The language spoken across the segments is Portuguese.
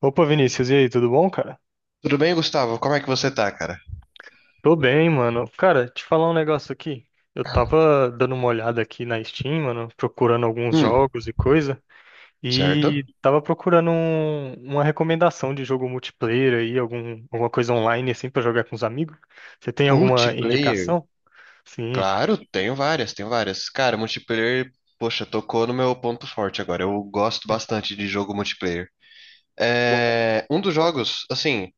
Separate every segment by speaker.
Speaker 1: Opa, Vinícius, e aí, tudo bom, cara?
Speaker 2: Tudo bem, Gustavo? Como é que você tá, cara?
Speaker 1: Tô bem, mano. Cara, te falar um negócio aqui. Eu tava dando uma olhada aqui na Steam, mano, procurando alguns
Speaker 2: Hum,
Speaker 1: jogos e coisa, e
Speaker 2: certo.
Speaker 1: tava procurando uma recomendação de jogo multiplayer aí, alguma coisa online assim pra jogar com os amigos. Você tem alguma
Speaker 2: Multiplayer?
Speaker 1: indicação? Sim.
Speaker 2: Claro, tenho várias, tenho várias. Cara, multiplayer, poxa, tocou no meu ponto forte agora. Eu gosto
Speaker 1: Hum.
Speaker 2: bastante de jogo multiplayer.
Speaker 1: Bom,
Speaker 2: É, um dos jogos, assim,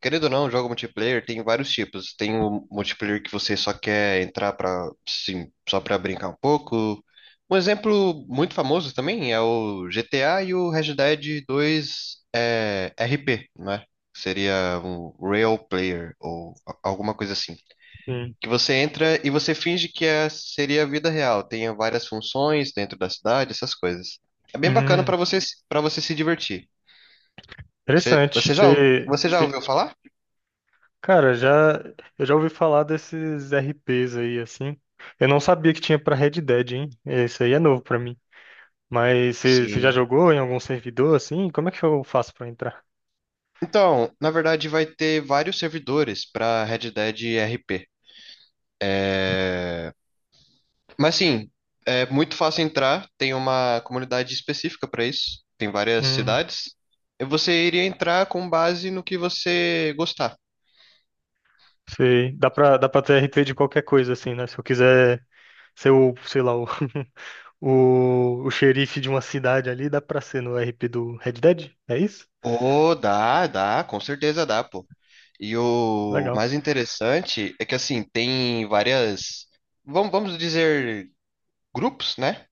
Speaker 2: querendo ou não, jogo multiplayer tem vários tipos. Tem o multiplayer que você só quer entrar para, sim, só para brincar um pouco. Um exemplo muito famoso também é o GTA e o Red Dead 2 é, RP, né? Seria um real player ou alguma coisa assim.
Speaker 1: sim.
Speaker 2: Que você entra e você finge que é, seria a vida real. Tem várias funções dentro da cidade, essas coisas. É bem bacana
Speaker 1: Hum,
Speaker 2: para você se divertir. Você,
Speaker 1: interessante.
Speaker 2: você já
Speaker 1: Você,
Speaker 2: você já ouviu falar?
Speaker 1: cara, já eu já ouvi falar desses RPs aí assim. Eu não sabia que tinha pra Red Dead, hein? Isso aí é novo pra mim. Mas você já
Speaker 2: Sim.
Speaker 1: jogou em algum servidor assim? Como é que eu faço pra entrar?
Speaker 2: Então, na verdade, vai ter vários servidores para Red Dead RP. Mas sim, é muito fácil entrar, tem uma comunidade específica para isso, tem várias
Speaker 1: Hum,
Speaker 2: cidades. E você iria entrar com base no que você gostar.
Speaker 1: sei. Dá para ter RP de qualquer coisa assim, né? Se eu quiser ser o, sei lá, o, o xerife de uma cidade ali, dá pra ser no RP do Red Dead? É isso?
Speaker 2: Oh, dá, dá, com certeza dá, pô. E o
Speaker 1: Legal.
Speaker 2: mais interessante é que assim, tem várias, vamos dizer, grupos, né?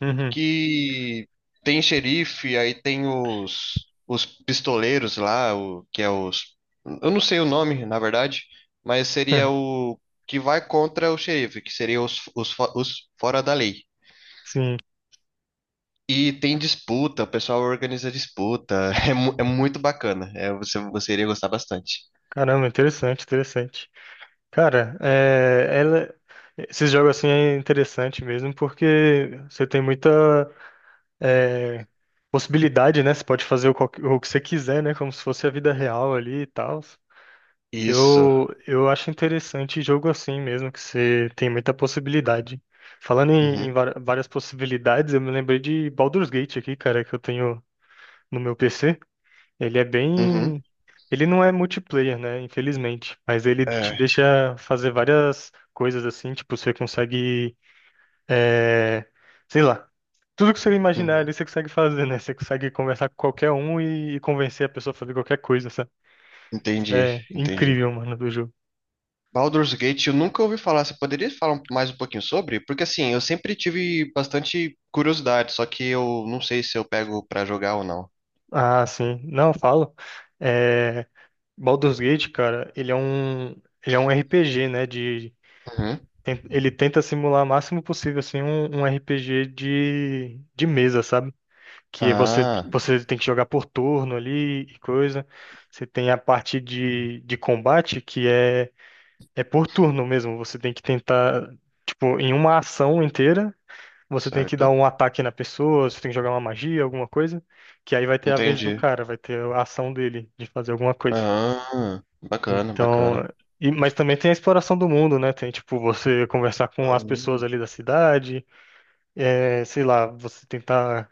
Speaker 1: Uhum.
Speaker 2: Que tem xerife, aí tem os pistoleiros lá, o, que é os. Eu não sei o nome, na verdade, mas seria o que vai contra o xerife, que seria os, os fora da lei.
Speaker 1: Sim.
Speaker 2: E tem disputa, o pessoal organiza disputa, é, é muito bacana, é, você iria gostar bastante.
Speaker 1: Caramba, interessante, interessante. Cara, esses jogos assim é interessante mesmo porque você tem muita é, possibilidade, né? Você pode fazer o que você quiser, né? Como se fosse a vida real ali e tal.
Speaker 2: Isso.
Speaker 1: Eu acho interessante jogo assim mesmo, que você tem muita possibilidade. Falando em
Speaker 2: Uhum,
Speaker 1: várias possibilidades, eu me lembrei de Baldur's Gate aqui, cara, que eu tenho no meu PC. Ele é
Speaker 2: uhum,
Speaker 1: bem. Ele não é multiplayer, né? Infelizmente. Mas ele te
Speaker 2: é,
Speaker 1: deixa fazer várias coisas assim. Tipo, você consegue. é, Sei lá. Tudo que você imaginar
Speaker 2: uhum.
Speaker 1: ali, você consegue fazer, né? Você consegue conversar com qualquer um e convencer a pessoa a fazer qualquer coisa, sabe?
Speaker 2: Entendi,
Speaker 1: É
Speaker 2: entendi.
Speaker 1: incrível, mano, do jogo.
Speaker 2: Baldur's Gate, eu nunca ouvi falar. Você poderia falar um, mais um pouquinho sobre? Porque assim, eu sempre tive bastante curiosidade, só que eu não sei se eu pego pra jogar ou não.
Speaker 1: Ah, sim. Não, eu falo. É... Baldur's Gate, cara, ele é um. Ele é um RPG, né? De.
Speaker 2: Uhum.
Speaker 1: Ele tenta simular o máximo possível, assim, um RPG de mesa, sabe? Que é
Speaker 2: Ah,
Speaker 1: você tem que jogar por turno ali e coisa. Você tem a parte de combate que é, é por turno mesmo. Você tem que tentar, tipo, em uma ação inteira, você tem que dar
Speaker 2: certo.
Speaker 1: um ataque na pessoa, você tem que jogar uma magia, alguma coisa, que aí vai ter a vez do
Speaker 2: Entendi.
Speaker 1: cara, vai ter a ação dele de fazer alguma coisa.
Speaker 2: Ah, bacana,
Speaker 1: Então,
Speaker 2: bacana.
Speaker 1: mas também tem a exploração do mundo, né? Tem, tipo, você conversar com as
Speaker 2: Ah,
Speaker 1: pessoas ali da cidade, é, sei lá, você tentar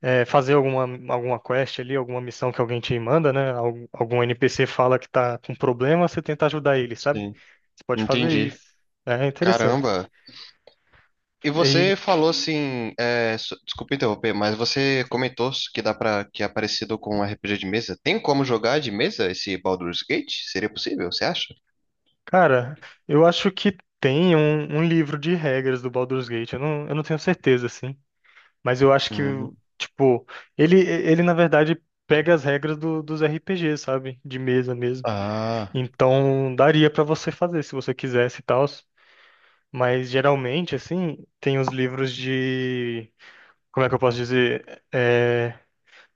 Speaker 1: fazer alguma, alguma quest ali, alguma missão que alguém te manda, né? Algum NPC fala que tá com problema, você tenta ajudar ele, sabe?
Speaker 2: sim,
Speaker 1: Você pode fazer
Speaker 2: entendi.
Speaker 1: isso. É interessante.
Speaker 2: Caramba. E
Speaker 1: E,
Speaker 2: você falou assim, é, desculpa interromper, mas você comentou que dá para que é parecido com um RPG de mesa. Tem como jogar de mesa esse Baldur's Gate? Seria possível, você acha?
Speaker 1: cara, eu acho que tem um livro de regras do Baldur's Gate. Eu não tenho certeza, assim. Mas eu acho que,
Speaker 2: Uhum.
Speaker 1: tipo, ele na verdade. Pega as regras dos RPGs, sabe? De mesa mesmo.
Speaker 2: Ah.
Speaker 1: Então, daria pra você fazer se você quisesse e tal. Mas geralmente, assim, tem os livros de, como é que eu posso dizer? É,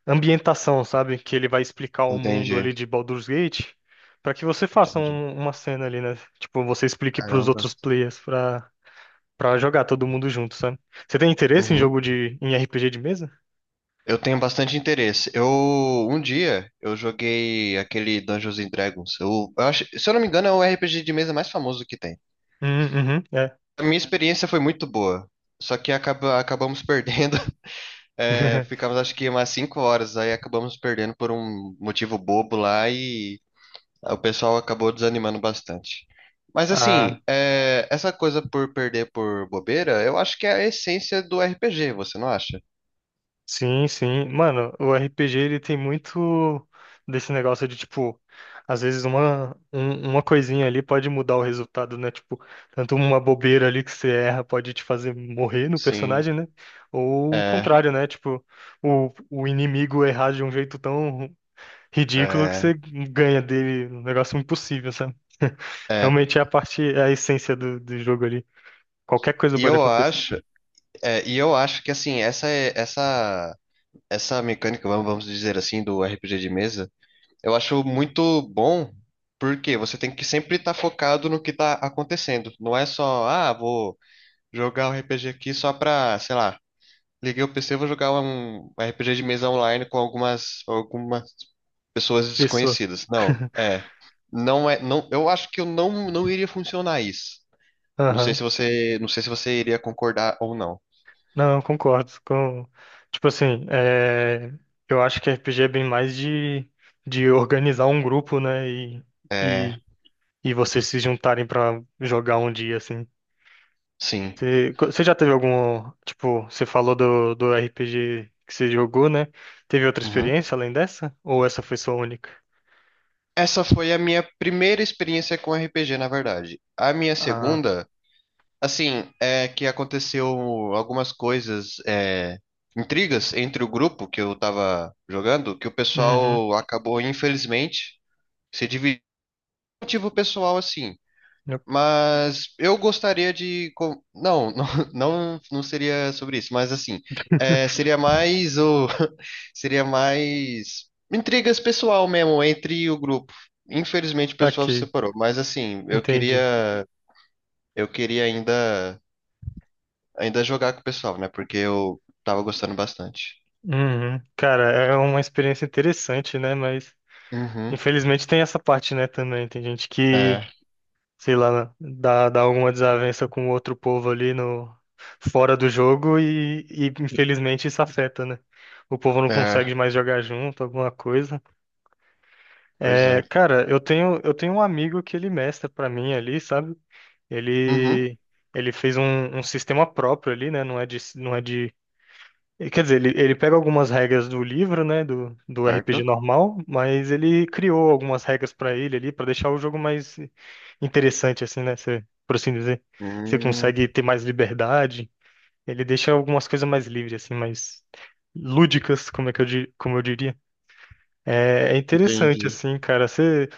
Speaker 1: ambientação, sabe? Que ele vai explicar o mundo ali
Speaker 2: Entendi,
Speaker 1: de Baldur's Gate para que você faça
Speaker 2: entendi.
Speaker 1: uma cena ali, né? Tipo, você explique para os
Speaker 2: Caramba.
Speaker 1: outros players pra, pra jogar todo mundo junto, sabe? Você tem interesse em
Speaker 2: Uhum.
Speaker 1: jogo de, em RPG de mesa?
Speaker 2: Eu tenho bastante interesse. Eu, um dia, eu joguei aquele Dungeons and Dragons. Eu acho, se eu não me engano, é o RPG de mesa mais famoso que tem.
Speaker 1: Hum. Uhum, é.
Speaker 2: A minha experiência foi muito boa. Só que acaba, acabamos perdendo. É, ficamos acho que umas 5 horas, aí acabamos perdendo por um motivo bobo lá e o pessoal acabou desanimando bastante. Mas
Speaker 1: Ah,
Speaker 2: assim, é, essa coisa por perder por bobeira, eu acho que é a essência do RPG, você não acha?
Speaker 1: sim, sim. Mano, o RPG ele tem muito desse negócio de tipo, às vezes uma coisinha ali pode mudar o resultado, né? Tipo, tanto uma bobeira ali que você erra pode te fazer morrer no
Speaker 2: Sim.
Speaker 1: personagem, né? Ou o
Speaker 2: É,
Speaker 1: contrário, né? Tipo, o inimigo errar de um jeito tão ridículo que você
Speaker 2: é,
Speaker 1: ganha dele um negócio impossível, sabe?
Speaker 2: é.
Speaker 1: Realmente é a parte, é a essência do jogo ali. Qualquer coisa
Speaker 2: E
Speaker 1: pode
Speaker 2: eu
Speaker 1: acontecer.
Speaker 2: acho, é, e eu acho que assim, essa essa mecânica, vamos dizer assim, do RPG de mesa, eu acho muito bom, porque você tem que sempre estar focado no que está acontecendo. Não é só, ah, vou jogar um RPG aqui só pra, sei lá, liguei o PC, e vou jogar um RPG de mesa online com algumas pessoas
Speaker 1: Pessoas.
Speaker 2: desconhecidas. Não, é, não é, não, eu acho que eu não iria funcionar isso. Não sei se você, não sei se você iria concordar ou não.
Speaker 1: Não, eu concordo com... Tipo assim, é, eu acho que RPG é bem mais de organizar um grupo, né?
Speaker 2: É,
Speaker 1: E, e vocês se juntarem pra jogar um dia, assim.
Speaker 2: sim.
Speaker 1: Você já teve algum... Tipo, você falou do RPG que você jogou, né? Teve outra
Speaker 2: Uhum.
Speaker 1: experiência além dessa? Ou essa foi sua única?
Speaker 2: Essa foi a minha primeira experiência com RPG, na verdade. A minha
Speaker 1: Ah,
Speaker 2: segunda, assim, é que aconteceu algumas coisas, é, intrigas entre o grupo que eu tava jogando, que o
Speaker 1: uhum.
Speaker 2: pessoal acabou, infelizmente, se dividindo. Por motivo pessoal, assim.
Speaker 1: eu-
Speaker 2: Mas eu gostaria de. Não, não, não, não seria sobre isso, mas assim, é, seria mais o. Seria mais intrigas pessoal mesmo entre o grupo. Infelizmente o pessoal se
Speaker 1: Aqui,
Speaker 2: separou, mas assim, eu
Speaker 1: entendi.
Speaker 2: queria. Eu queria ainda, ainda jogar com o pessoal, né? Porque eu tava gostando bastante.
Speaker 1: Uhum. Cara, é uma experiência interessante, né? Mas...
Speaker 2: Uhum.
Speaker 1: Infelizmente tem essa parte, né, também. Tem gente que
Speaker 2: É,
Speaker 1: sei lá, dá alguma desavença com outro povo ali no fora do jogo e infelizmente isso afeta, né? O povo não
Speaker 2: é,
Speaker 1: consegue mais jogar junto, alguma coisa.
Speaker 2: pois é.
Speaker 1: É, cara, eu tenho um amigo que ele mestra pra mim ali, sabe?
Speaker 2: Uhum,
Speaker 1: Ele ele fez um sistema próprio ali, né? Não é de e, quer dizer, ele pega algumas regras do livro, né, do RPG
Speaker 2: certo.
Speaker 1: normal, mas ele criou algumas regras pra ele ali, pra deixar o jogo mais interessante, assim, né, você, por assim dizer. Você
Speaker 2: Hum,
Speaker 1: consegue ter mais liberdade, ele deixa algumas coisas mais livres, assim, mais lúdicas, como é que eu, como eu diria. É, é interessante,
Speaker 2: entendi.
Speaker 1: assim, cara. Você,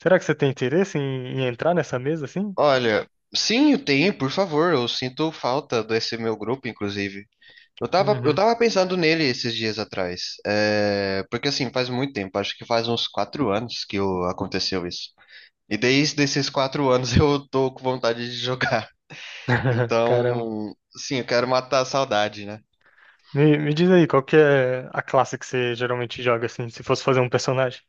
Speaker 1: será que você tem interesse em entrar nessa mesa, assim?
Speaker 2: Olha, sim, tem, por favor. Eu sinto falta desse meu grupo, inclusive. Eu tava, eu
Speaker 1: Uhum.
Speaker 2: tava pensando nele esses dias atrás. É, porque assim, faz muito tempo, acho que faz uns 4 anos que aconteceu isso. E desde esses 4 anos eu tô com vontade de jogar.
Speaker 1: Caramba.
Speaker 2: Então, sim, eu quero matar a saudade, né?
Speaker 1: Me diz aí, qual que é a classe que você geralmente joga, assim, se fosse fazer um personagem?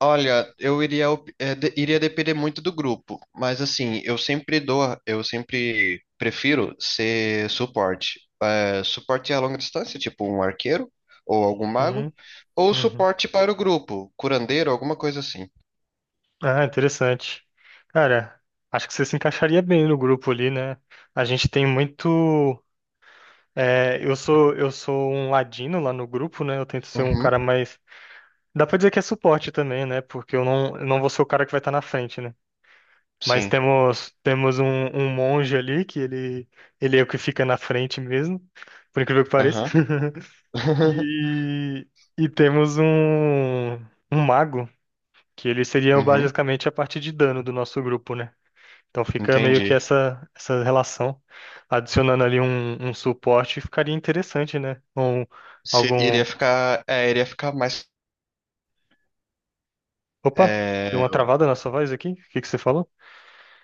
Speaker 2: Olha, eu iria, é, iria depender muito do grupo, mas assim, eu sempre prefiro ser suporte. É, suporte a longa distância, tipo um arqueiro ou algum mago,
Speaker 1: Sim.
Speaker 2: ou
Speaker 1: Uhum.
Speaker 2: suporte para o grupo, curandeiro, alguma coisa assim.
Speaker 1: Ah, interessante. Cara, acho que você se encaixaria bem no grupo ali, né? A gente tem muito. É, eu sou um ladino lá no grupo, né? Eu tento ser um cara
Speaker 2: Uhum,
Speaker 1: mais. Dá pra dizer que é suporte também, né? Porque eu não vou ser o cara que vai estar na frente, né? Mas
Speaker 2: sim.
Speaker 1: temos um monge ali que ele é o que fica na frente mesmo, por incrível que pareça.
Speaker 2: Aham.
Speaker 1: E, e temos um um mago. Que eles seriam
Speaker 2: Uhum,
Speaker 1: basicamente a parte de dano do nosso grupo, né? Então fica meio que
Speaker 2: entendi.
Speaker 1: essa relação. Adicionando ali um suporte ficaria interessante, né? Um, algum.
Speaker 2: Iria ficar, é, iria ficar mais,
Speaker 1: Opa, deu
Speaker 2: é,
Speaker 1: uma travada na sua voz aqui? O que que você falou?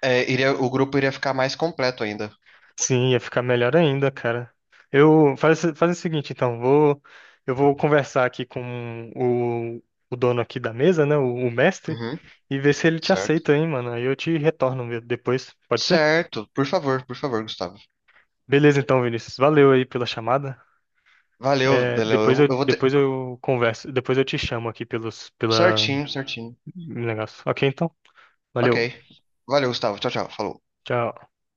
Speaker 2: é, iria, o grupo iria ficar mais completo ainda.
Speaker 1: Sim, ia ficar melhor ainda, cara. Faz o seguinte, então, vou eu vou conversar aqui com o dono aqui da mesa, né? O mestre,
Speaker 2: Uhum,
Speaker 1: e ver se ele te
Speaker 2: certo.
Speaker 1: aceita, hein, mano. Aí eu te retorno depois, pode ser?
Speaker 2: Certo. Por favor, Gustavo.
Speaker 1: Beleza, então, Vinícius. Valeu aí pela chamada.
Speaker 2: Valeu,
Speaker 1: É,
Speaker 2: valeu. Eu, eu vou ter
Speaker 1: depois eu converso, depois eu te chamo aqui pelos, pela
Speaker 2: certinho, certinho.
Speaker 1: negócio. Ok, então.
Speaker 2: Ok.
Speaker 1: Valeu.
Speaker 2: Valeu, Gustavo. Tchau, tchau. Falou.
Speaker 1: Tchau.